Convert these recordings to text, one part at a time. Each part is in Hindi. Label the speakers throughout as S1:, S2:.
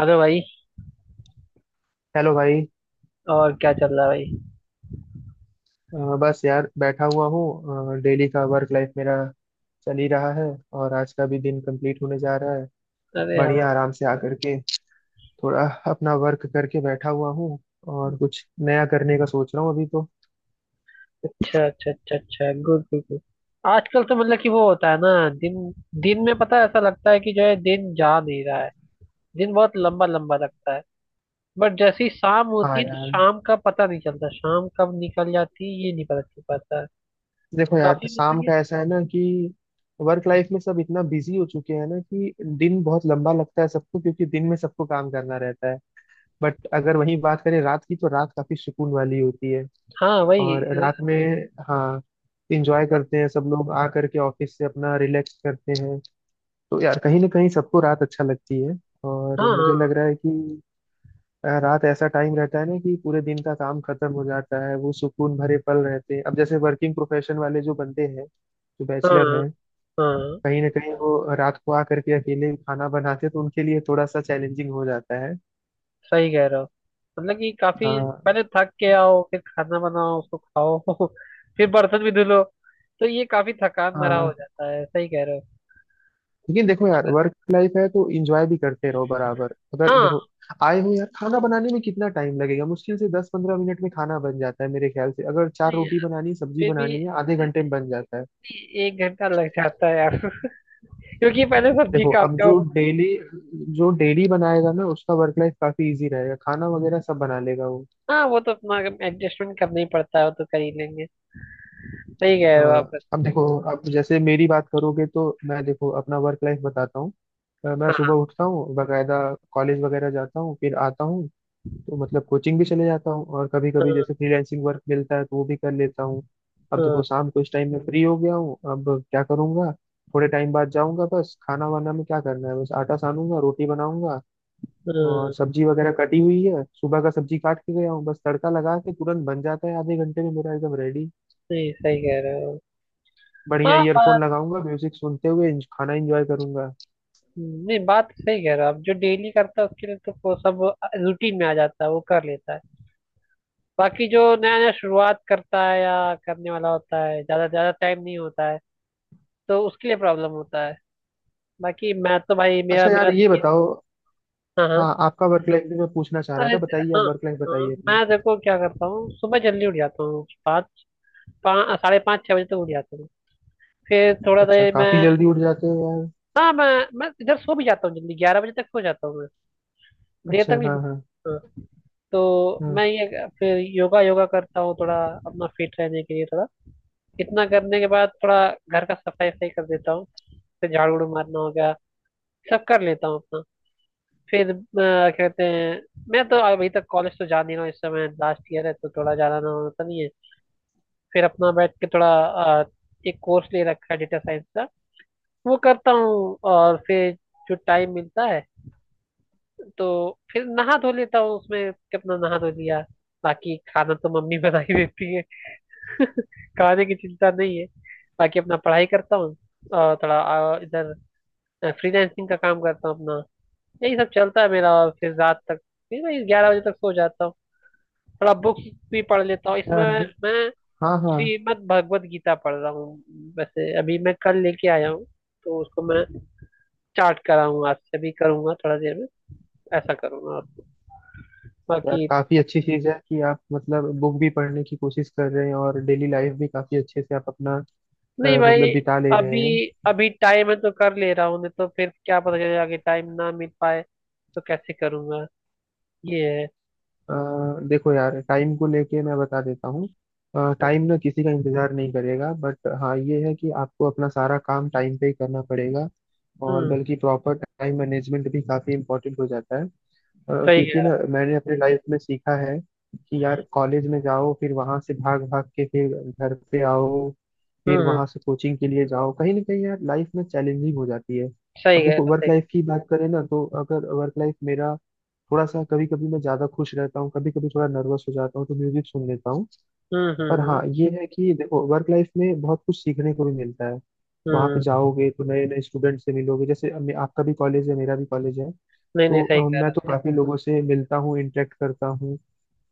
S1: हेलो भाई।
S2: हेलो भाई।
S1: और क्या चल रहा है भाई?
S2: बस यार बैठा हुआ हूँ। डेली का वर्क लाइफ मेरा चल ही रहा है और आज का भी दिन कंप्लीट होने जा रहा है।
S1: अरे हाँ।
S2: बढ़िया, आराम से आकर के थोड़ा अपना वर्क करके बैठा हुआ हूँ और कुछ नया करने का सोच रहा हूँ अभी तो।
S1: अच्छा अच्छा अच्छा अच्छा, गुड गुड गुड। आजकल तो मतलब कि वो होता है ना, दिन दिन में पता है, ऐसा लगता है कि जो है दिन जा नहीं रहा है। दिन बहुत लंबा लंबा लगता है। बट जैसे ही शाम होती
S2: हाँ
S1: है तो
S2: यार,
S1: शाम का पता नहीं चलता, शाम कब निकल जाती है ये नहीं पता चल पाता है।
S2: देखो यार,
S1: काफी मतलब
S2: शाम
S1: कि-
S2: का ऐसा है ना कि वर्क लाइफ में सब इतना बिजी हो चुके हैं ना कि दिन बहुत लंबा लगता है सबको, क्योंकि दिन में सबको काम करना रहता है। बट अगर वहीं बात करें रात की, तो रात काफी सुकून वाली होती है।
S1: हाँ वही।
S2: और रात में, हाँ, इंजॉय करते हैं सब लोग, आ करके ऑफिस से अपना रिलैक्स करते हैं। तो यार कहीं ना कहीं सबको रात अच्छा लगती है।
S1: हाँ
S2: और मुझे लग
S1: हाँ
S2: रहा है कि रात ऐसा टाइम रहता है ना कि पूरे दिन का काम खत्म हो जाता है, वो सुकून भरे पल रहते हैं। अब जैसे वर्किंग प्रोफेशन वाले जो बंदे हैं, जो बैचलर
S1: हाँ
S2: हैं,
S1: हाँ,
S2: कहीं ना कहीं वो रात को आ करके अकेले खाना बनाते हैं, तो उनके लिए थोड़ा सा चैलेंजिंग हो जाता है।
S1: सही कह रहे हो। मतलब कि काफी
S2: हाँ
S1: पहले थक के आओ, फिर खाना बनाओ, उसको खाओ, फिर बर्तन भी धुलो, तो ये काफी थकान भरा हो
S2: हाँ,
S1: जाता है। सही कह रहे हो।
S2: लेकिन देखो यार,
S1: अगर
S2: वर्क लाइफ है तो एंजॉय भी करते रहो बराबर। अगर
S1: हाँ।
S2: देखो आए हो यार, खाना बनाने में कितना टाइम लगेगा, मुश्किल से 10-15 मिनट में खाना बन जाता है मेरे ख्याल से। अगर चार
S1: नहीं,
S2: रोटी बनानी, सब्जी
S1: फिर भी
S2: बनानी है, आधे घंटे में बन जाता है।
S1: एक घंटा लग जाता है यार। क्योंकि पहले सब्जी
S2: देखो, अब
S1: काटते
S2: जो
S1: हो।
S2: डेली, जो डेली बनाएगा ना, उसका वर्क लाइफ काफी इजी रहेगा, खाना वगैरह सब बना लेगा वो।
S1: हाँ, वो तो अपना एडजस्टमेंट करना ही पड़ता है, वो तो कर ही लेंगे। सही कह रहे हो आप।
S2: हाँ, अब देखो, अब जैसे मेरी बात करोगे तो मैं देखो अपना वर्क लाइफ बताता हूँ। मैं
S1: हाँ
S2: सुबह उठता हूँ बकायदा, कॉलेज वगैरह जाता हूँ फिर आता हूँ। तो मतलब कोचिंग भी चले जाता हूँ और कभी कभी
S1: हाँ
S2: जैसे फ्रीलांसिंग वर्क मिलता है तो वो भी कर लेता हूँ। अब
S1: हाँ
S2: देखो, शाम को इस टाइम में फ्री हो गया हूँ, अब क्या करूँगा। थोड़े टाइम बाद जाऊंगा, बस खाना वाना में क्या करना है, बस आटा सानूंगा, रोटी बनाऊंगा। और
S1: हाँ,
S2: सब्जी वगैरह कटी हुई है, सुबह का सब्जी काट के गया हूँ, बस तड़का लगा के तुरंत बन जाता है, आधे घंटे में मेरा एकदम रेडी।
S1: नहीं सही कह रहे हो।
S2: बढ़िया
S1: हाँ
S2: ईयरफोन
S1: बात।
S2: लगाऊंगा, म्यूजिक सुनते हुए खाना एंजॉय करूंगा।
S1: नहीं बात सही कह रहे हो आप। जो डेली करता है उसके लिए तो वो सब रूटीन में आ जाता है, वो कर लेता है। बाकी जो नया नया शुरुआत करता है या करने वाला होता है, ज्यादा ज्यादा टाइम नहीं होता है तो उसके लिए प्रॉब्लम होता है। बाकी मैं तो भाई मेरा
S2: अच्छा यार,
S1: मेरा तो
S2: ये
S1: ये-
S2: बताओ,
S1: हाँ हाँ।
S2: हाँ, आपका वर्क लाइफ भी मैं पूछना चाह रहा
S1: अरे
S2: था, बताइए
S1: हाँ।
S2: आप, वर्क लाइफ
S1: हाँ
S2: बताइए अपना।
S1: मैं देखो क्या करता हूँ, सुबह जल्दी उठ जाता हूँ। पाँच पाँच साढ़े पाँच छः बजे तक उठ जाता हूँ। फिर थोड़ा
S2: अच्छा,
S1: देर मैं।
S2: काफी जल्दी उठ जाते हो यार।
S1: हाँ। मैं इधर सो भी जाता हूँ जल्दी, ग्यारह बजे तक सो जाता हूँ मैं। देर तक
S2: अच्छा
S1: नहीं
S2: हाँ हाँ।
S1: सोता। हाँ। तो
S2: हाँ
S1: मैं ये फिर योगा योगा करता हूँ, थोड़ा अपना फिट रहने के लिए। थोड़ा इतना करने के बाद थोड़ा घर का सफाई सफाई कर देता हूँ, से झाड़ उड़ मारना हो गया, सब कर लेता हूँ अपना। फिर कहते हैं, मैं तो अभी तक कॉलेज तो जा नहीं रहा हूँ, इस समय लास्ट ईयर है तो थोड़ा जाना ना होता नहीं है। फिर अपना बैठ के थोड़ा, अ, एक कोर्स ले रखा है डेटा साइंस का, वो करता हूँ। और फिर जो टाइम मिलता है तो फिर नहा धो लेता हूँ, उसमें कितना नहा धो लिया। बाकी खाना तो मम्मी बना ही देती है। खाने की चिंता नहीं है। बाकी अपना पढ़ाई करता हूँ, और थोड़ा इधर फ्रीलांसिंग का काम करता हूँ अपना। यही सब चलता है मेरा, और फिर रात तक फिर मैं ग्यारह बजे तक सो जाता हूँ। थोड़ा बुक्स भी पढ़ लेता हूँ इसमें
S2: यार।
S1: मैं।
S2: हाँ हाँ,
S1: श्रीमद् भगवत गीता पढ़ रहा हूँ, वैसे अभी मैं कल लेके आया हूँ, तो उसको मैं स्टार्ट करा हूँ आज से। अभी करूँगा थोड़ा देर में, ऐसा करूँगा
S2: यार
S1: बाकी।
S2: काफी अच्छी चीज है कि आप मतलब बुक भी पढ़ने की कोशिश कर रहे हैं और डेली लाइफ भी काफी अच्छे से आप अपना
S1: नहीं भाई,
S2: मतलब बिता ले रहे
S1: अभी
S2: हैं।
S1: अभी टाइम है तो कर ले रहा हूँ, नहीं तो फिर क्या पता चले आगे टाइम ना मिल पाए तो कैसे करूँगा। ये है।
S2: अ, देखो यार, टाइम को लेके मैं बता देता हूँ, टाइम ना किसी का इंतजार नहीं करेगा। बट हाँ, ये है कि आपको अपना सारा काम टाइम पे ही करना पड़ेगा। और
S1: हम्म,
S2: बल्कि प्रॉपर टाइम मैनेजमेंट भी काफी इंपॉर्टेंट हो जाता है।
S1: सही
S2: क्योंकि ना,
S1: कह
S2: मैंने अपने लाइफ में सीखा है कि यार, कॉलेज में जाओ, फिर वहां से भाग भाग के फिर घर पे आओ,
S1: रहा।
S2: फिर वहां से कोचिंग के लिए जाओ, कहीं ना कहीं यार लाइफ में चैलेंजिंग हो जाती है।
S1: सही
S2: अब
S1: कह
S2: देखो,
S1: रहा
S2: वर्क
S1: सही।
S2: लाइफ की बात करें ना, तो अगर वर्क लाइफ मेरा थोड़ा सा, कभी कभी मैं ज्यादा खुश रहता हूँ, कभी कभी थोड़ा नर्वस हो जाता हूँ तो म्यूजिक सुन लेता हूँ।
S1: हम्म हम्म
S2: पर
S1: हम्म
S2: हाँ, ये है कि देखो वर्क लाइफ में बहुत कुछ सीखने को भी मिलता है। वहां पे
S1: हम्म।
S2: जाओगे तो नए नए स्टूडेंट से मिलोगे, जैसे अब आपका भी कॉलेज है, मेरा भी कॉलेज है।
S1: नहीं नहीं
S2: तो
S1: सही कह
S2: मैं
S1: रहा
S2: तो
S1: सही।
S2: काफी बिल्कुल लोगों से मिलता हूँ, इंटरेक्ट करता हूँ।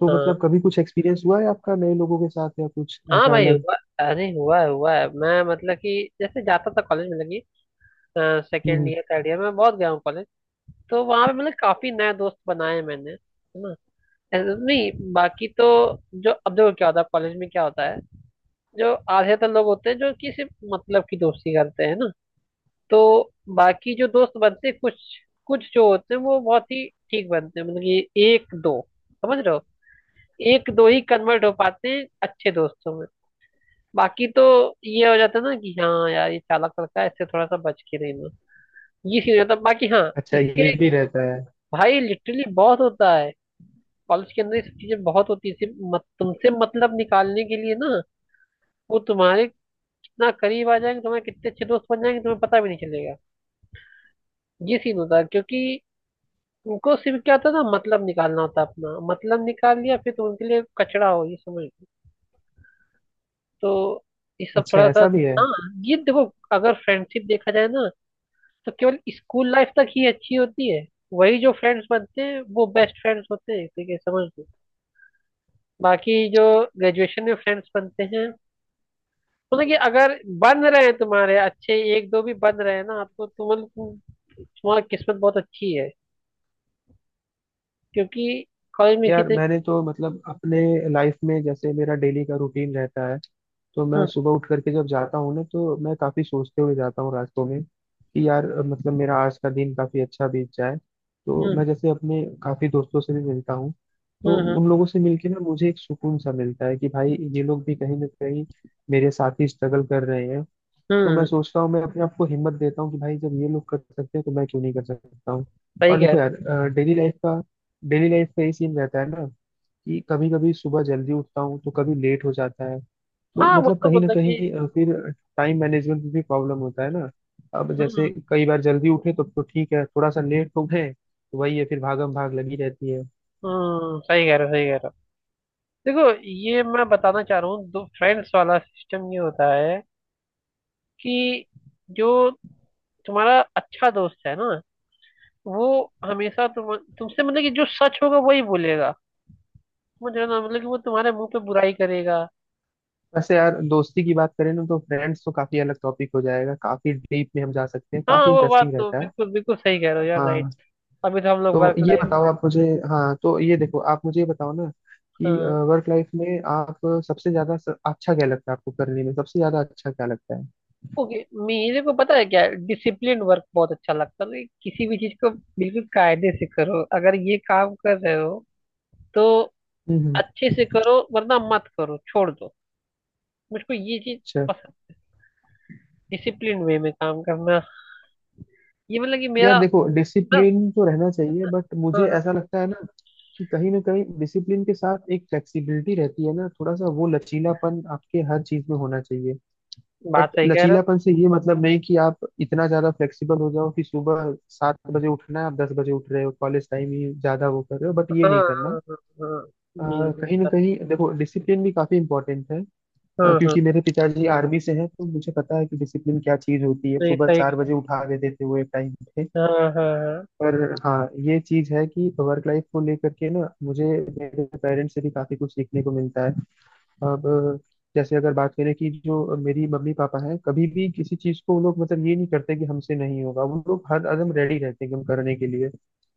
S2: तो मतलब
S1: हाँ
S2: कभी कुछ एक्सपीरियंस हुआ है आपका नए लोगों के साथ या कुछ
S1: हाँ
S2: ऐसा
S1: भाई
S2: अलग।
S1: हुआ। अरे हुआ है हुआ है। मैं मतलब कि जैसे जाता था कॉलेज में, लगी,
S2: हम्म
S1: सेकेंड
S2: हम्म।
S1: ईयर थर्ड ईयर में बहुत गया हूँ कॉलेज। तो वहाँ पे मतलब काफी नए दोस्त बनाए हैं मैंने, है ना? ऐसे तो नहीं बाकी तो। जो अब देखो क्या होता है कॉलेज में, क्या होता है, जो आधे तो लोग होते हैं जो कि सिर्फ मतलब की दोस्ती करते हैं ना। तो बाकी जो दोस्त बनते हैं कुछ कुछ जो होते हैं वो बहुत ही ठीक बनते हैं, मतलब कि एक दो, समझ रहे हो, एक दो ही कन्वर्ट हो पाते हैं अच्छे दोस्तों में। बाकी तो ये हो जाता है ना कि हाँ यार, ये चालाक लड़का है, इससे थोड़ा सा बच के रहना, ये सीन हो जाता है। बाकी हाँ।
S2: अच्छा, ये
S1: इसके
S2: भी रहता है।
S1: भाई लिटरली बहुत होता है, कॉलेज के अंदर ये सब चीजें बहुत होती है, सिर्फ मत, तुमसे मतलब निकालने के लिए ना, वो तुम्हारे कितना करीब आ जाएंगे, तुम्हारे कितने अच्छे दोस्त बन जाएंगे तुम्हें पता भी नहीं चलेगा। ये सीन होता है, क्योंकि उनको सिर्फ क्या होता है ना, मतलब निकालना होता है अपना, मतलब निकाल लिया फिर तुम उनके लिए कचरा हो, ये समझ लो। तो ये सब
S2: अच्छा
S1: थोड़ा सा।
S2: ऐसा भी है।
S1: हाँ ये देखो, अगर फ्रेंडशिप देखा जाए ना, तो केवल स्कूल लाइफ तक ही अच्छी होती है। वही जो फ्रेंड्स बनते हैं वो बेस्ट फ्रेंड्स होते हैं, ठीक है, समझ लो। बाकी जो ग्रेजुएशन में फ्रेंड्स बनते हैं, मतलब कि अगर बन रहे हैं तुम्हारे अच्छे एक दो भी बन रहे हैं ना आपको, तो मतलब तुम- तुम्हारी किस्मत बहुत अच्छी है। क्योंकि कॉलेज में इसी
S2: यार मैंने
S1: तरीके।
S2: तो मतलब अपने लाइफ में, जैसे मेरा डेली का रूटीन रहता है, तो मैं
S1: हम्म
S2: सुबह उठ करके जब जाता हूँ ना, तो मैं काफी सोचते हुए जाता हूँ रास्तों में कि यार मतलब मेरा आज का दिन काफी अच्छा बीत जाए। तो
S1: हम्म
S2: मैं जैसे अपने काफी दोस्तों से भी मिलता हूँ, तो
S1: हम्म
S2: उन लोगों से मिलके ना मुझे एक सुकून सा मिलता है कि भाई ये लोग भी कहीं ना कहीं मेरे साथ ही स्ट्रगल कर रहे हैं। तो मैं
S1: हम्म,
S2: सोचता हूँ, मैं अपने आप को हिम्मत देता हूँ कि भाई जब ये लोग कर सकते हैं, तो मैं क्यों नहीं कर सकता हूँ।
S1: सही
S2: और
S1: कह
S2: देखो
S1: रहे
S2: यार, डेली लाइफ का डेली लाइफ का ये सीन रहता है ना कि कभी कभी सुबह जल्दी उठता हूँ तो कभी लेट हो जाता है।
S1: हो।
S2: तो
S1: हाँ, वो
S2: मतलब
S1: तो
S2: कहीं ना
S1: मतलब कि,
S2: कहीं फिर टाइम मैनेजमेंट में भी प्रॉब्लम होता है ना। अब जैसे
S1: हम्म
S2: कई बार जल्दी उठे तो ठीक है, थोड़ा सा लेट हो गए तो वही है, फिर भागम भाग लगी रहती है।
S1: हम्म, सही कह रहे हो, सही कह रहे हो। देखो ये मैं बताना चाह रहा हूँ, दो फ्रेंड्स वाला सिस्टम ये होता है कि, जो तुम्हारा अच्छा दोस्त है ना, वो हमेशा तुमसे मतलब कि जो सच होगा वही बोलेगा। समझ रहे हो ना, मतलब कि वो तुम्हारे मुंह पे बुराई करेगा।
S2: वैसे यार दोस्ती की बात करें ना, तो फ्रेंड्स तो काफी अलग टॉपिक हो जाएगा, काफी डीप में हम जा सकते हैं,
S1: हाँ
S2: काफी
S1: वो बात
S2: इंटरेस्टिंग
S1: तो
S2: रहता है।
S1: बिल्कुल बिल्कुल सही कह रहे हो यार, राइट।
S2: हाँ
S1: अभी तो हम लोग
S2: तो
S1: वर्क
S2: ये बताओ
S1: लाइफ।
S2: आप मुझे, हाँ तो ये देखो, आप मुझे ये बताओ ना कि
S1: हाँ,
S2: वर्क लाइफ में आप सबसे ज्यादा अच्छा क्या लगता है आपको करने में, सबसे ज्यादा अच्छा क्या लगता है।
S1: ओके। मेरे को पता है क्या, डिसिप्लिन वर्क बहुत अच्छा लगता है, मतलब किसी भी चीज को बिल्कुल कायदे से करो, अगर ये काम कर रहे हो तो
S2: हम्म हम्म,
S1: अच्छे से करो, वरना मत करो छोड़ दो। मुझको ये चीज
S2: अच्छा,
S1: पसंद, डिसिप्लिन वे में काम करना, ये मतलब कि
S2: यार
S1: मेरा।
S2: देखो
S1: हाँ
S2: डिसिप्लिन तो रहना चाहिए, बट मुझे
S1: हाँ,
S2: ऐसा लगता है ना कि कहीं ना कहीं डिसिप्लिन के साथ एक फ्लेक्सिबिलिटी रहती है ना, थोड़ा सा वो लचीलापन आपके हर चीज में होना चाहिए।
S1: बात
S2: बट
S1: सही कह रहे हो।
S2: लचीलापन से ये मतलब नहीं कि आप इतना ज्यादा फ्लेक्सिबल हो जाओ कि सुबह 7 बजे उठना है, आप 10 बजे उठ रहे हो, कॉलेज टाइम ही ज्यादा वो कर रहे हो, बट ये
S1: हाँ
S2: नहीं करना।
S1: हाँ हाँ हाँ,
S2: अ,
S1: नहीं।
S2: कहीं ना कहीं देखो डिसिप्लिन भी काफी इंपॉर्टेंट है।
S1: हाँ हाँ,
S2: क्योंकि मेरे पिताजी आर्मी से हैं, तो मुझे पता है कि डिसिप्लिन क्या चीज होती है।
S1: नहीं
S2: सुबह
S1: सही
S2: चार
S1: है।
S2: बजे उठा देते थे वो एक टाइम पे।
S1: हाँ हाँ हाँ
S2: पर हाँ, ये चीज है कि वर्क लाइफ को लेकर के ना मुझे, मेरे पेरेंट्स से भी काफी कुछ सीखने को मिलता है। अब जैसे अगर बात करें कि जो मेरी मम्मी पापा हैं, कभी भी किसी चीज को वो लोग मतलब ये नहीं करते कि हमसे नहीं होगा, वो लोग हर कदम रेडी रहते हैं एकदम करने के लिए।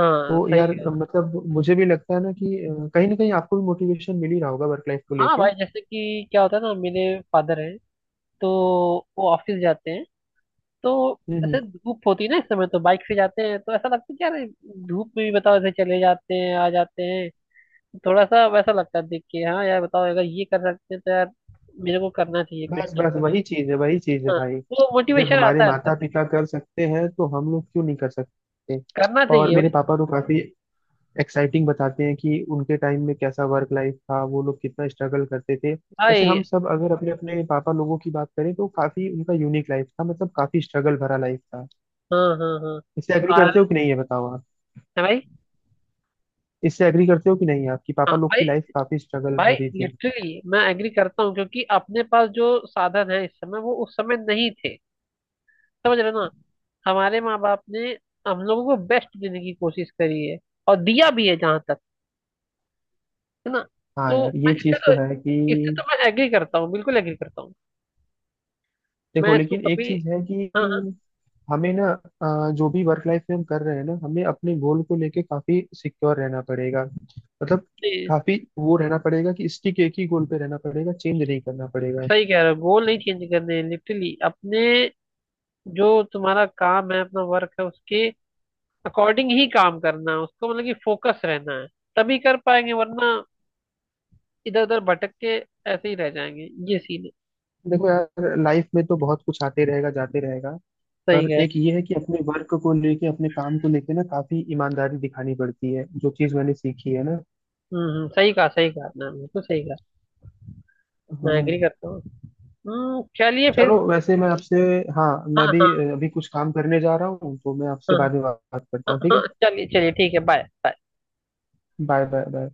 S1: हाँ
S2: तो
S1: सही
S2: यार
S1: है।
S2: मतलब मुझे भी लगता है ना कि कहीं ना कहीं आपको भी मोटिवेशन मिल ही रहा होगा वर्क लाइफ को
S1: हाँ
S2: लेके।
S1: भाई, जैसे कि क्या होता है ना, मेरे फादर हैं तो वो ऑफिस जाते हैं, तो
S2: हम्म।
S1: ऐसे धूप होती है ना इस समय, तो बाइक से जाते हैं, तो ऐसा लगता है कि यार धूप में भी बताओ ऐसे चले जाते हैं, आ जाते हैं। थोड़ा सा वैसा लगता है देख के, हाँ यार बताओ अगर ये कर सकते हैं तो यार मेरे को करना चाहिए कुछ
S2: बस
S1: ना
S2: बस
S1: कुछ।
S2: वही चीज है, वही चीज है
S1: हाँ,
S2: भाई।
S1: वो
S2: जब
S1: मोटिवेशन
S2: हमारे
S1: आता है अंदर
S2: माता
S1: से।
S2: पिता कर सकते हैं, तो हम लोग क्यों नहीं कर सकते।
S1: करना
S2: और
S1: चाहिए
S2: मेरे
S1: भाई।
S2: पापा तो काफी एक्साइटिंग बताते हैं कि उनके टाइम में कैसा वर्क लाइफ था, वो लोग कितना स्ट्रगल करते थे। वैसे
S1: भाई
S2: हम सब अगर अपने अपने पापा लोगों की बात करें तो काफी उनका यूनिक लाइफ था, मतलब काफी स्ट्रगल भरा लाइफ था।
S1: हाँ हाँ
S2: इससे एग्री
S1: हाँ। आ-
S2: करते हो कि नहीं, ये बताओ आप।
S1: है भाई।
S2: इससे एग्री करते हो कि नहीं, आपकी
S1: हाँ
S2: पापा लोग
S1: भाई,
S2: की लाइफ काफी स्ट्रगल
S1: भाई
S2: भरी थी।
S1: लिटरली मैं एग्री करता हूँ, क्योंकि अपने पास जो साधन है इस समय वो उस समय नहीं थे। समझ रहे हो ना, हमारे माँ बाप ने हम लोगों को बेस्ट देने की कोशिश करी है, और दिया भी है जहां तक, है ना।
S2: हाँ
S1: तो
S2: यार,
S1: मैं
S2: ये
S1: इससे
S2: चीज
S1: तो
S2: तो है कि
S1: इससे तो मैं एग्री करता हूँ, बिल्कुल एग्री करता हूँ।
S2: देखो
S1: मैं इसको
S2: लेकिन एक
S1: कभी।
S2: चीज है
S1: हाँ हाँ,
S2: कि हमें ना जो भी वर्क लाइफ में हम कर रहे हैं ना, हमें अपने गोल को लेके काफी सिक्योर रहना पड़ेगा। मतलब
S1: नहीं,
S2: काफी वो रहना पड़ेगा कि स्टिक एक ही गोल पे रहना पड़ेगा, चेंज नहीं करना पड़ेगा।
S1: सही कह रहे हो, गोल नहीं चेंज करने लिटरली अपने जो तुम्हारा काम है अपना वर्क है उसके अकॉर्डिंग ही काम करना है उसको, मतलब कि फोकस रहना है, तभी कर पाएंगे वरना इधर उधर भटक के ऐसे ही रह जाएंगे, ये सीन है।
S2: देखो यार लाइफ में तो बहुत कुछ आते रहेगा जाते रहेगा।
S1: सही
S2: पर
S1: कह।
S2: एक ये है कि अपने वर्क को लेके, अपने काम को लेके ना, काफी ईमानदारी दिखानी पड़ती है, जो चीज मैंने सीखी है ना।
S1: सही कहा आपने, बिल्कुल सही कहा। मैं
S2: हाँ,
S1: एग्री करता हूँ। हम्म, चलिए फिर।
S2: चलो वैसे मैं आपसे, हाँ
S1: हाँ
S2: मैं भी
S1: हाँ
S2: अभी कुछ काम करने जा रहा हूँ, तो मैं आपसे
S1: हाँ
S2: बाद में बात करता
S1: हाँ
S2: हूँ, ठीक है।
S1: हाँ, चलिए चलिए ठीक है। Bye bye.
S2: Bye bye bye.